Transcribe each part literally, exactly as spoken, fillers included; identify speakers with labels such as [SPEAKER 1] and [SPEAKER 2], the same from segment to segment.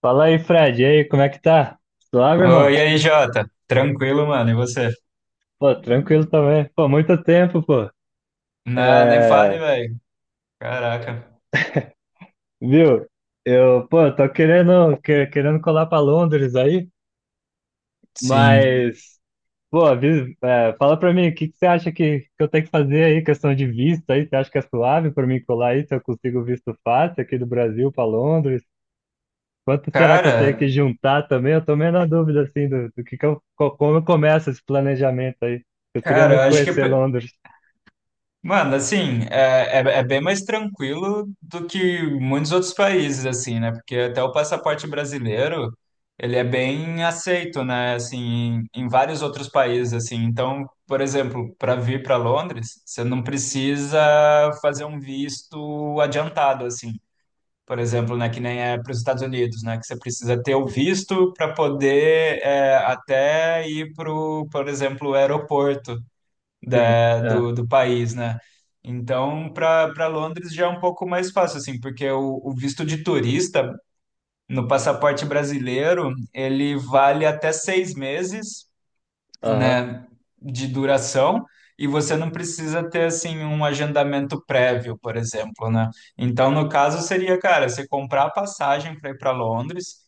[SPEAKER 1] Fala aí, Fred. E aí, como é que tá? Suave, irmão?
[SPEAKER 2] Oi, e aí, Jota? Tranquilo, mano? E você?
[SPEAKER 1] Pô, tranquilo também. Pô, muito tempo, pô.
[SPEAKER 2] Não, nem fale,
[SPEAKER 1] É,
[SPEAKER 2] velho. Caraca.
[SPEAKER 1] viu? Eu, pô, tô querendo, que- querendo colar pra Londres aí,
[SPEAKER 2] Sim.
[SPEAKER 1] mas, pô, avi- é, fala pra mim, o que que você acha que, que eu tenho que fazer aí, questão de visto aí? Você acha que é suave pra mim colar aí, se eu consigo visto fácil aqui do Brasil pra Londres? Quanto será que eu tenho
[SPEAKER 2] Cara,
[SPEAKER 1] que juntar também? Eu tô meio na dúvida, assim, do, do que que eu, co- como eu começo esse planejamento aí. Eu queria
[SPEAKER 2] cara, eu
[SPEAKER 1] muito
[SPEAKER 2] acho que.
[SPEAKER 1] conhecer Londres.
[SPEAKER 2] Mano, assim, é, é, é bem mais tranquilo do que muitos outros países, assim, né? Porque até o passaporte brasileiro, ele é bem aceito, né? Assim, em, em vários outros países, assim. Então, por exemplo, para vir para Londres, você não precisa fazer um visto adiantado, assim. Por exemplo, né, que nem é para os Estados Unidos, né, que você precisa ter o visto para poder é, até ir para, por exemplo, o aeroporto
[SPEAKER 1] Sim,
[SPEAKER 2] da,
[SPEAKER 1] é,
[SPEAKER 2] do, do país, né? Então, para para Londres já é um pouco mais fácil, assim, porque o, o visto de turista no passaporte brasileiro, ele vale até seis meses,
[SPEAKER 1] aham,
[SPEAKER 2] né, de duração, e você não precisa ter assim um agendamento prévio, por exemplo, né? Então, no caso seria, cara, você comprar a passagem para ir para Londres,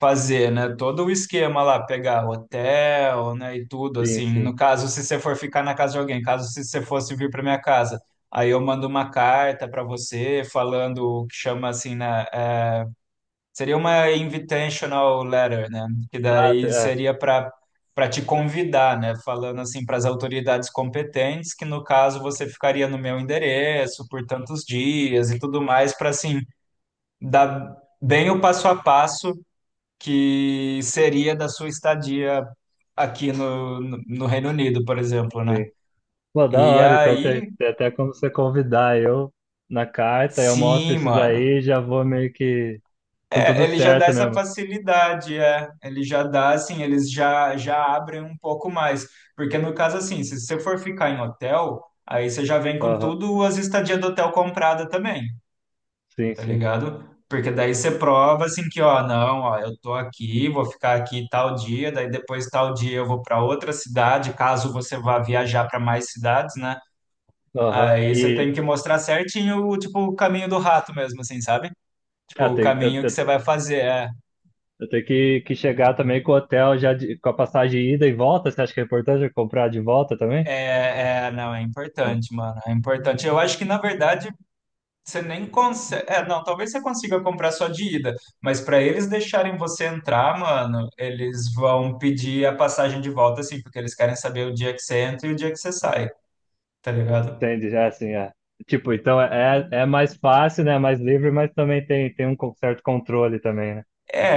[SPEAKER 2] fazer, né, todo o esquema lá, pegar hotel, né, e tudo
[SPEAKER 1] sim,
[SPEAKER 2] assim. No
[SPEAKER 1] sim.
[SPEAKER 2] caso, se você for ficar na casa de alguém, caso se você fosse vir para minha casa, aí eu mando uma carta para você falando o que chama assim, né. Seria uma invitational letter, né? Que
[SPEAKER 1] Ah, t-
[SPEAKER 2] daí
[SPEAKER 1] é,
[SPEAKER 2] seria para para te convidar, né? Falando assim para as autoridades competentes, que no caso você ficaria no meu endereço por tantos dias e tudo mais, para assim dar bem o passo a passo que seria da sua estadia aqui no, no no Reino Unido, por exemplo, né?
[SPEAKER 1] sim. Pô, da
[SPEAKER 2] E
[SPEAKER 1] hora, então tem,
[SPEAKER 2] aí,
[SPEAKER 1] tem até como você convidar eu na carta, eu mostro
[SPEAKER 2] sim,
[SPEAKER 1] isso
[SPEAKER 2] mano.
[SPEAKER 1] daí e já vou meio que com tudo
[SPEAKER 2] É, ele já dá
[SPEAKER 1] certo
[SPEAKER 2] essa
[SPEAKER 1] mesmo.
[SPEAKER 2] facilidade, é. Ele já dá, assim, eles já, já abrem um pouco mais. Porque no caso, assim, se você for ficar em hotel, aí você já vem com
[SPEAKER 1] Aham,
[SPEAKER 2] tudo as estadias do hotel comprada também,
[SPEAKER 1] sim,
[SPEAKER 2] tá
[SPEAKER 1] sim.
[SPEAKER 2] ligado? Porque daí você prova, assim, que, ó, não, ó, eu tô aqui, vou ficar aqui tal dia, daí depois tal dia eu vou para outra cidade, caso você vá viajar para mais cidades, né?
[SPEAKER 1] Aham,
[SPEAKER 2] Aí você tem
[SPEAKER 1] e
[SPEAKER 2] que mostrar certinho, tipo, o caminho do rato mesmo, assim, sabe? Tipo,
[SPEAKER 1] é,
[SPEAKER 2] o
[SPEAKER 1] tem- eu,
[SPEAKER 2] caminho que
[SPEAKER 1] eu,
[SPEAKER 2] você vai fazer. é,
[SPEAKER 1] eu tenho que, que chegar também com o hotel já de- com a passagem de ida e volta, você acha que é importante eu comprar de volta também?
[SPEAKER 2] É, é, não, é
[SPEAKER 1] Ah,
[SPEAKER 2] importante, mano. É importante. Eu acho que, na verdade, você nem consegue. É, não, talvez você consiga comprar só de ida, mas para eles deixarem você entrar, mano, eles vão pedir a passagem de volta, assim, porque eles querem saber o dia que você entra e o dia que você sai, tá ligado?
[SPEAKER 1] entende, é assim, é. Tipo, então é, é é mais fácil, né, é mais livre, mas também tem, tem um certo controle também, né?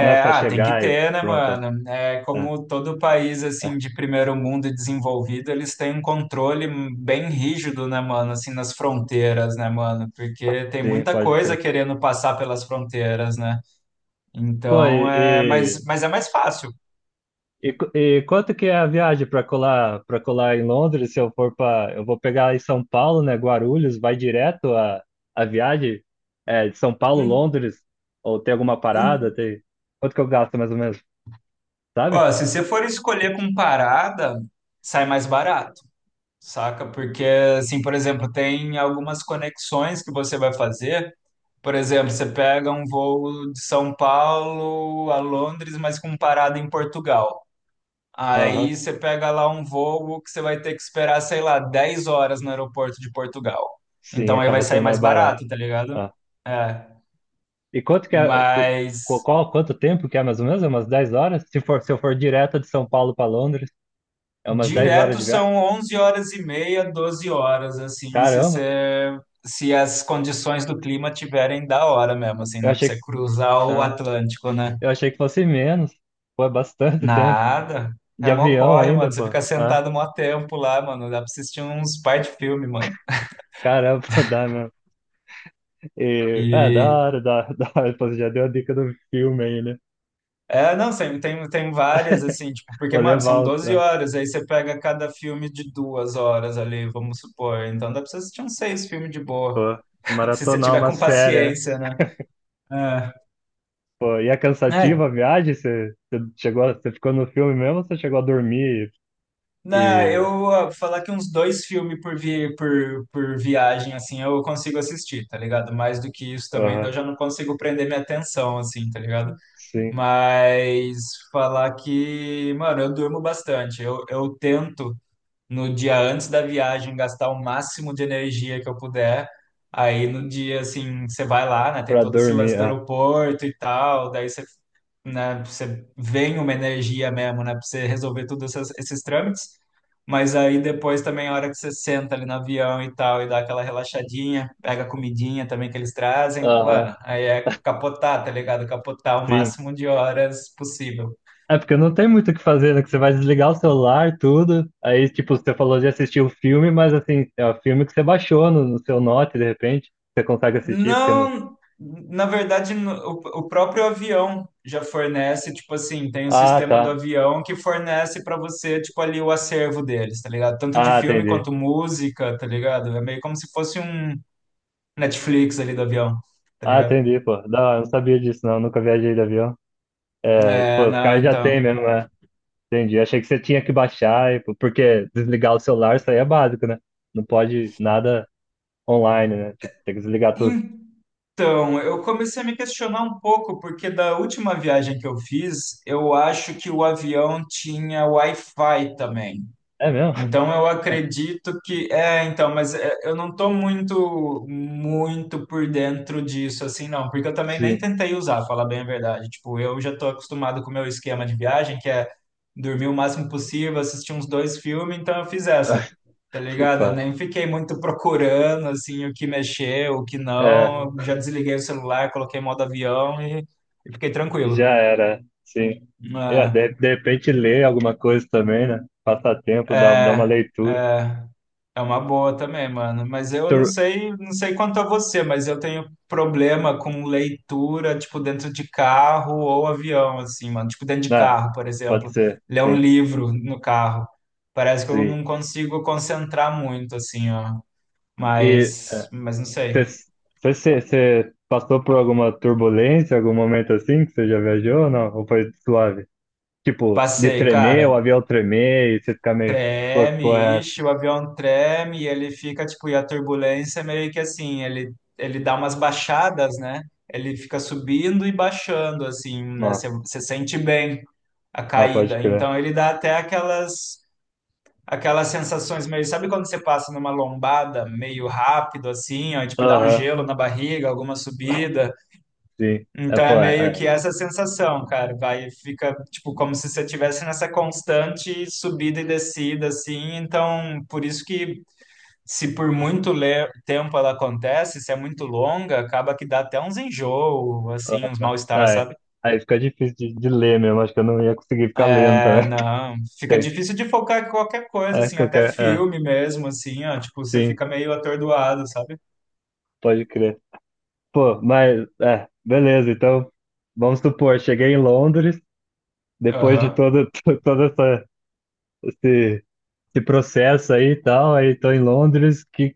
[SPEAKER 1] Não é só
[SPEAKER 2] ah, tem que
[SPEAKER 1] chegar e
[SPEAKER 2] ter, né,
[SPEAKER 1] pronto. É,
[SPEAKER 2] mano? É,
[SPEAKER 1] é,
[SPEAKER 2] como todo país,
[SPEAKER 1] é.
[SPEAKER 2] assim, de primeiro mundo e desenvolvido, eles têm um controle bem rígido, né, mano? Assim, nas fronteiras, né, mano? Porque tem
[SPEAKER 1] Sim,
[SPEAKER 2] muita
[SPEAKER 1] pode
[SPEAKER 2] coisa
[SPEAKER 1] crer.
[SPEAKER 2] querendo passar pelas fronteiras, né?
[SPEAKER 1] Pô,
[SPEAKER 2] Então, é...
[SPEAKER 1] e,
[SPEAKER 2] Mas,
[SPEAKER 1] e,
[SPEAKER 2] mas é mais fácil.
[SPEAKER 1] e qu- e quanto que é a viagem para colar, para colar em Londres? Se eu for para, eu vou pegar em São Paulo, né? Guarulhos, vai direto a, a viagem é, de São Paulo,
[SPEAKER 2] Hum,
[SPEAKER 1] Londres? Ou tem alguma parada?
[SPEAKER 2] hum.
[SPEAKER 1] Tem. Quanto que eu gasto mais ou menos? Sabe?
[SPEAKER 2] Ó, se você for escolher com parada, sai mais barato, saca? Porque, assim, por exemplo, tem algumas conexões que você vai fazer. Por exemplo, você pega um voo de São Paulo a Londres, mas com parada em Portugal. Aí
[SPEAKER 1] Aham.
[SPEAKER 2] você pega lá um voo que você vai ter que esperar, sei lá, dez horas no aeroporto de Portugal.
[SPEAKER 1] Sim,
[SPEAKER 2] Então aí vai
[SPEAKER 1] acaba
[SPEAKER 2] sair
[SPEAKER 1] sendo
[SPEAKER 2] mais
[SPEAKER 1] mais barato.
[SPEAKER 2] barato, tá ligado?
[SPEAKER 1] Ah.
[SPEAKER 2] É,
[SPEAKER 1] E quanto que é, qu-
[SPEAKER 2] mas
[SPEAKER 1] qu- qual, quanto tempo que é mais ou menos? É umas dez horas? Se for, se eu for direto de São Paulo para Londres, é umas dez horas
[SPEAKER 2] direto
[SPEAKER 1] de viagem.
[SPEAKER 2] são onze horas e meia, doze horas, assim, se
[SPEAKER 1] Caramba!
[SPEAKER 2] você, se as condições do clima tiverem da hora mesmo, assim,
[SPEAKER 1] Eu
[SPEAKER 2] né? Pra
[SPEAKER 1] achei, que-
[SPEAKER 2] você cruzar o
[SPEAKER 1] ah,
[SPEAKER 2] Atlântico, né?
[SPEAKER 1] eu achei que fosse menos. Pô, é bastante tempo.
[SPEAKER 2] Nada.
[SPEAKER 1] De
[SPEAKER 2] É mó
[SPEAKER 1] avião
[SPEAKER 2] corre,
[SPEAKER 1] ainda,
[SPEAKER 2] mano. Você
[SPEAKER 1] pô.
[SPEAKER 2] fica
[SPEAKER 1] Ah,
[SPEAKER 2] sentado mó tempo lá, mano. Dá pra assistir uns par de filme, mano.
[SPEAKER 1] caramba, dá mesmo. E, é, da
[SPEAKER 2] E
[SPEAKER 1] hora, da, da hora. Pô, você já deu a dica do filme aí, né?
[SPEAKER 2] é, não, tem, tem, tem várias, assim, tipo, porque,
[SPEAKER 1] Vou
[SPEAKER 2] mano, são
[SPEAKER 1] levar os,
[SPEAKER 2] doze
[SPEAKER 1] ah,
[SPEAKER 2] horas, aí você pega cada filme de duas horas ali, vamos supor. Então dá pra você assistir uns seis filmes de boa.
[SPEAKER 1] pô,
[SPEAKER 2] Se você
[SPEAKER 1] maratonar
[SPEAKER 2] tiver
[SPEAKER 1] uma
[SPEAKER 2] com
[SPEAKER 1] série. É.
[SPEAKER 2] paciência, né? É.
[SPEAKER 1] Pô, e é cansativa a
[SPEAKER 2] É.
[SPEAKER 1] viagem? Você, você chegou, a- você ficou no filme mesmo ou você chegou a dormir
[SPEAKER 2] Não,
[SPEAKER 1] e,
[SPEAKER 2] eu ah, falar que uns dois filmes por, vi, por, por viagem, assim, eu consigo assistir, tá ligado? Mais do que isso
[SPEAKER 1] e-
[SPEAKER 2] também, daí eu
[SPEAKER 1] aham,
[SPEAKER 2] já não consigo prender minha atenção, assim, tá ligado?
[SPEAKER 1] sim,
[SPEAKER 2] Mas falar que, mano, eu durmo bastante. Eu, eu tento no dia antes da viagem, gastar o máximo de energia que eu puder. Aí no dia, assim, você vai lá, né? Tem
[SPEAKER 1] pra
[SPEAKER 2] todo esse
[SPEAKER 1] dormir,
[SPEAKER 2] lance do
[SPEAKER 1] ah,
[SPEAKER 2] aeroporto e tal, daí você, né, você vem uma energia mesmo, né? Pra você resolver todos esses trâmites. Mas aí depois também a hora que você senta ali no avião e tal, e dá aquela relaxadinha, pega a comidinha também que eles trazem,
[SPEAKER 1] aham,
[SPEAKER 2] mano, aí é capotar, tá ligado? Capotar o
[SPEAKER 1] sim.
[SPEAKER 2] máximo de horas possível.
[SPEAKER 1] É porque não tem muito o que fazer, né? Que você vai desligar o celular, tudo. Aí, tipo, você falou de assistir o filme, mas assim, é o filme que você baixou no, no seu Note, de repente. Você consegue assistir, porque não.
[SPEAKER 2] Não, na verdade, no- o, o próprio avião já fornece, tipo assim, tem um
[SPEAKER 1] Ah,
[SPEAKER 2] sistema do
[SPEAKER 1] tá.
[SPEAKER 2] avião que fornece pra você, tipo, ali o acervo deles, tá ligado? Tanto de
[SPEAKER 1] Ah,
[SPEAKER 2] filme
[SPEAKER 1] entendi.
[SPEAKER 2] quanto música, tá ligado? É meio como se fosse um Netflix ali do avião, tá
[SPEAKER 1] Ah,
[SPEAKER 2] ligado?
[SPEAKER 1] entendi, pô. Não, eu não sabia disso, não. Nunca viajei de avião. É, tipo,
[SPEAKER 2] É,
[SPEAKER 1] os
[SPEAKER 2] não,
[SPEAKER 1] caras já
[SPEAKER 2] então.
[SPEAKER 1] têm mesmo, né? Entendi. Achei que você tinha que baixar, e- porque desligar o celular, isso aí é básico, né? Não pode nada online, né? Tipo, tem que desligar tudo.
[SPEAKER 2] Então, eu comecei a me questionar um pouco, porque da última viagem que eu fiz, eu acho que o avião tinha Wi-Fi também.
[SPEAKER 1] É mesmo?
[SPEAKER 2] Então eu acredito que é, então, mas é, eu não tô muito muito por dentro disso assim, não, porque eu também nem
[SPEAKER 1] Sim.
[SPEAKER 2] tentei usar, falar bem a verdade. Tipo, eu já tô acostumado com o meu esquema de viagem, que é dormir o máximo possível, assistir uns dois filmes, então eu fiz essa. Tá ligado? Eu
[SPEAKER 1] Tá.
[SPEAKER 2] nem fiquei muito procurando assim o que mexer, o que não.
[SPEAKER 1] É,
[SPEAKER 2] Eu já desliguei o celular, coloquei modo avião e, e fiquei
[SPEAKER 1] já
[SPEAKER 2] tranquilo.
[SPEAKER 1] era, sim. É, de, de repente ler alguma coisa também, né? Passar
[SPEAKER 2] É,
[SPEAKER 1] tempo, dar, dar uma
[SPEAKER 2] é,
[SPEAKER 1] leitura.
[SPEAKER 2] é. É uma boa também, mano. Mas eu não
[SPEAKER 1] Tur-
[SPEAKER 2] sei, não sei quanto a você, mas eu tenho problema com leitura, tipo, dentro de carro ou avião, assim, mano. Tipo, dentro de
[SPEAKER 1] né?
[SPEAKER 2] carro, por
[SPEAKER 1] Pode
[SPEAKER 2] exemplo.
[SPEAKER 1] ser,
[SPEAKER 2] Ler um
[SPEAKER 1] sim,
[SPEAKER 2] livro no carro. Parece que eu
[SPEAKER 1] sim.
[SPEAKER 2] não consigo concentrar muito, assim, ó.
[SPEAKER 1] E
[SPEAKER 2] Mas, mas não sei.
[SPEAKER 1] você passou por alguma turbulência, algum momento assim que você já viajou ou não? Ou foi suave? Tipo, de
[SPEAKER 2] Passei,
[SPEAKER 1] tremer,
[SPEAKER 2] cara.
[SPEAKER 1] o avião tremer e você ficar meio, pô, que
[SPEAKER 2] Treme,
[SPEAKER 1] porra é essa?
[SPEAKER 2] ixi, o avião treme e ele fica, tipo, e a turbulência é meio que assim, ele, ele dá umas baixadas, né? Ele fica subindo e baixando, assim, né?
[SPEAKER 1] Não.
[SPEAKER 2] Você você sente bem a
[SPEAKER 1] Ah, pode
[SPEAKER 2] caída.
[SPEAKER 1] crer.
[SPEAKER 2] Então ele dá até aquelas aquelas sensações meio, sabe quando você passa numa lombada meio rápido, assim, ó, e, tipo, dá um
[SPEAKER 1] Aham,
[SPEAKER 2] gelo na barriga, alguma subida.
[SPEAKER 1] sim. É,
[SPEAKER 2] Então é
[SPEAKER 1] pô,
[SPEAKER 2] meio
[SPEAKER 1] é, é.
[SPEAKER 2] que essa sensação, cara, vai, fica tipo como se você estivesse nessa constante subida e descida, assim. Então, por isso que se por muito le- tempo ela acontece, se é muito longa, acaba que dá até uns enjoo, assim,
[SPEAKER 1] Ah,
[SPEAKER 2] uns
[SPEAKER 1] tá.
[SPEAKER 2] mal-estar,
[SPEAKER 1] Ah, é.
[SPEAKER 2] sabe?
[SPEAKER 1] Aí fica difícil de, de ler mesmo, acho que eu não ia conseguir ficar lendo
[SPEAKER 2] É,
[SPEAKER 1] também.
[SPEAKER 2] não, fica
[SPEAKER 1] Tem.
[SPEAKER 2] difícil de focar em qualquer coisa,
[SPEAKER 1] É,
[SPEAKER 2] assim, até
[SPEAKER 1] qualquer. É, é,
[SPEAKER 2] filme mesmo, assim, ó, tipo, você
[SPEAKER 1] sim,
[SPEAKER 2] fica meio atordoado, sabe?
[SPEAKER 1] pode crer. Pô, mas. É, beleza, então. Vamos supor, cheguei em Londres, depois de
[SPEAKER 2] Aham.
[SPEAKER 1] todo, to- todo essa, esse, esse processo aí e tal, aí tô em Londres, que,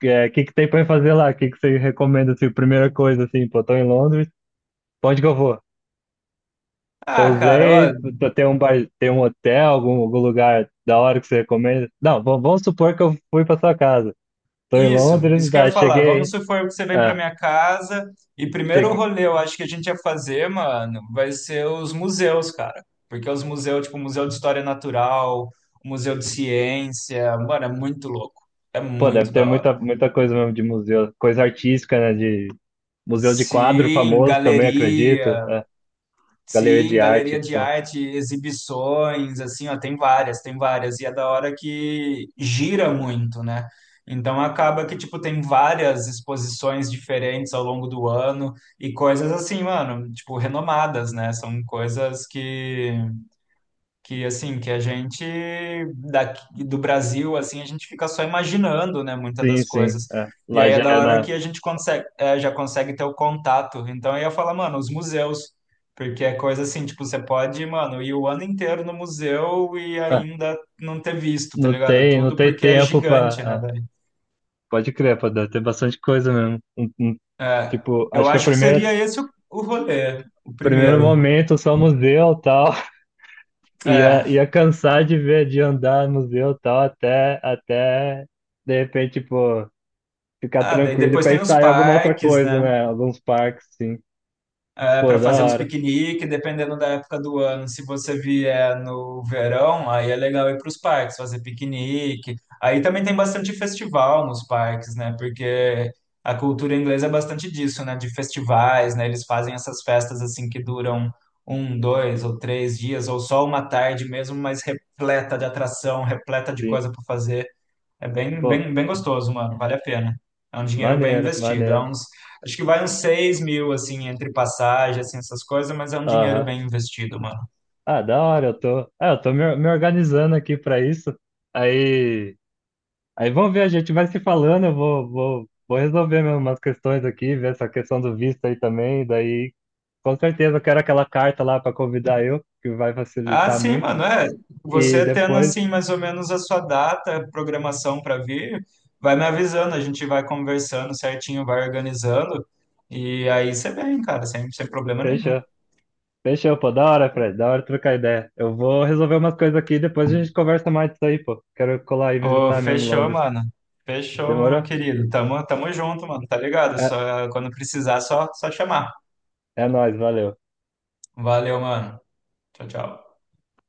[SPEAKER 1] que, é, que que tem pra eu fazer lá? Que que você recomenda, assim, primeira coisa, assim, pô, tô em Londres, pra onde que eu vou?
[SPEAKER 2] Ah, cara.
[SPEAKER 1] Pousei, t- tem um bar, tem um hotel, algum, algum lugar da hora que você recomenda? Não, vamos, vamos supor que eu fui pra sua casa. Tô em
[SPEAKER 2] Isso,
[SPEAKER 1] Londres,
[SPEAKER 2] isso que eu
[SPEAKER 1] tá,
[SPEAKER 2] ia falar. Vamos
[SPEAKER 1] cheguei,
[SPEAKER 2] supor que você vem pra
[SPEAKER 1] é,
[SPEAKER 2] minha casa, e primeiro rolê eu acho que a gente ia fazer, mano, vai ser os museus, cara. Porque os museus, tipo, o Museu de História Natural, o Museu de Ciência, mano, é muito louco. É
[SPEAKER 1] pô, deve
[SPEAKER 2] muito
[SPEAKER 1] ter
[SPEAKER 2] da hora.
[SPEAKER 1] muita, muita coisa mesmo de museu, coisa artística, né? De museu de quadro
[SPEAKER 2] Sim,
[SPEAKER 1] famoso também, acredito.
[SPEAKER 2] galeria.
[SPEAKER 1] É. Galeria
[SPEAKER 2] Sim,
[SPEAKER 1] de
[SPEAKER 2] galeria
[SPEAKER 1] arte,
[SPEAKER 2] de
[SPEAKER 1] pô.
[SPEAKER 2] arte, exibições, assim, ó, tem várias, tem várias, e é da hora que gira muito, né? Então acaba que, tipo, tem várias exposições diferentes ao longo do ano e coisas assim, mano, tipo, renomadas, né? São coisas que que assim que a gente, daqui do Brasil, assim, a gente fica só imaginando, né, muitas
[SPEAKER 1] Sim,
[SPEAKER 2] das
[SPEAKER 1] sim.
[SPEAKER 2] coisas,
[SPEAKER 1] É.
[SPEAKER 2] e
[SPEAKER 1] Lá
[SPEAKER 2] aí é
[SPEAKER 1] já
[SPEAKER 2] da
[SPEAKER 1] é
[SPEAKER 2] hora
[SPEAKER 1] na.
[SPEAKER 2] que a gente consegue, é, já consegue ter o contato. Então eu ia falar, mano, os museus, porque é coisa assim, tipo, você pode, mano, ir o ano inteiro no museu e
[SPEAKER 1] ah,
[SPEAKER 2] ainda não ter visto, tá
[SPEAKER 1] não
[SPEAKER 2] ligado,
[SPEAKER 1] tem, não
[SPEAKER 2] tudo,
[SPEAKER 1] tem
[SPEAKER 2] porque é
[SPEAKER 1] tempo pra.
[SPEAKER 2] gigante, né,
[SPEAKER 1] Ah,
[SPEAKER 2] velho.
[SPEAKER 1] pode crer, pô, deve ter bastante coisa mesmo. Um- um-
[SPEAKER 2] É,
[SPEAKER 1] tipo,
[SPEAKER 2] eu
[SPEAKER 1] acho que a
[SPEAKER 2] acho que
[SPEAKER 1] primeira,
[SPEAKER 2] seria esse o, o rolê, o
[SPEAKER 1] primeiro
[SPEAKER 2] primeiro.
[SPEAKER 1] momento só museu e tal. Ia,
[SPEAKER 2] é
[SPEAKER 1] ia cansar de ver, de andar no museu e tal, até, até de repente, pô, ficar
[SPEAKER 2] ah daí
[SPEAKER 1] tranquilo e
[SPEAKER 2] depois tem os
[SPEAKER 1] pensar em alguma outra
[SPEAKER 2] parques,
[SPEAKER 1] coisa,
[SPEAKER 2] né?
[SPEAKER 1] né? Alguns parques, sim.
[SPEAKER 2] É,
[SPEAKER 1] Pô,
[SPEAKER 2] para
[SPEAKER 1] da
[SPEAKER 2] fazer uns
[SPEAKER 1] hora.
[SPEAKER 2] piqueniques, dependendo da época do ano. Se você vier no verão, aí é legal ir para os parques, fazer piquenique. Aí também tem bastante festival nos parques, né? Porque a cultura inglesa é bastante disso, né? De festivais, né? Eles fazem essas festas assim que duram um, dois ou três dias, ou só uma tarde mesmo, mas repleta de atração, repleta de
[SPEAKER 1] Sim.
[SPEAKER 2] coisa para fazer. É bem,
[SPEAKER 1] Pô,
[SPEAKER 2] bem, bem gostoso, mano. Vale a pena. É um dinheiro bem
[SPEAKER 1] maneiro,
[SPEAKER 2] investido. É
[SPEAKER 1] maneiro.
[SPEAKER 2] uns, acho que vai uns seis mil, assim, entre passagem, assim, essas coisas, mas é um dinheiro
[SPEAKER 1] Aham.
[SPEAKER 2] bem investido, mano.
[SPEAKER 1] Ah, da hora, eu tô. Ah, eu tô me, me organizando aqui pra isso. Aí, Aí vamos ver, a gente vai se falando, eu vou, vou, vou resolver mesmo umas questões aqui, ver essa questão do visto aí também. Daí, com certeza, eu quero aquela carta lá pra convidar eu, que vai
[SPEAKER 2] Ah,
[SPEAKER 1] facilitar
[SPEAKER 2] sim,
[SPEAKER 1] muito.
[SPEAKER 2] mano, é.
[SPEAKER 1] E
[SPEAKER 2] Você tendo,
[SPEAKER 1] depois,
[SPEAKER 2] assim, mais ou menos a sua data, programação para vir, vai me avisando, a gente vai conversando certinho, vai organizando. E aí você vem, cara, sem, sem problema nenhum.
[SPEAKER 1] fechou. Fechou, pô, da hora, Fred, da hora trocar ideia. Eu vou resolver umas coisas aqui, depois a gente conversa mais disso aí, pô. Quero colar e
[SPEAKER 2] Ô,
[SPEAKER 1] visitar mesmo
[SPEAKER 2] fechou,
[SPEAKER 1] Londres.
[SPEAKER 2] mano. Fechou, meu
[SPEAKER 1] Demorou?
[SPEAKER 2] querido. Tamo, tamo junto, mano. Tá ligado?
[SPEAKER 1] É-
[SPEAKER 2] Só, quando precisar, só, só chamar.
[SPEAKER 1] É nóis, valeu.
[SPEAKER 2] Valeu, mano. Tchau, tchau.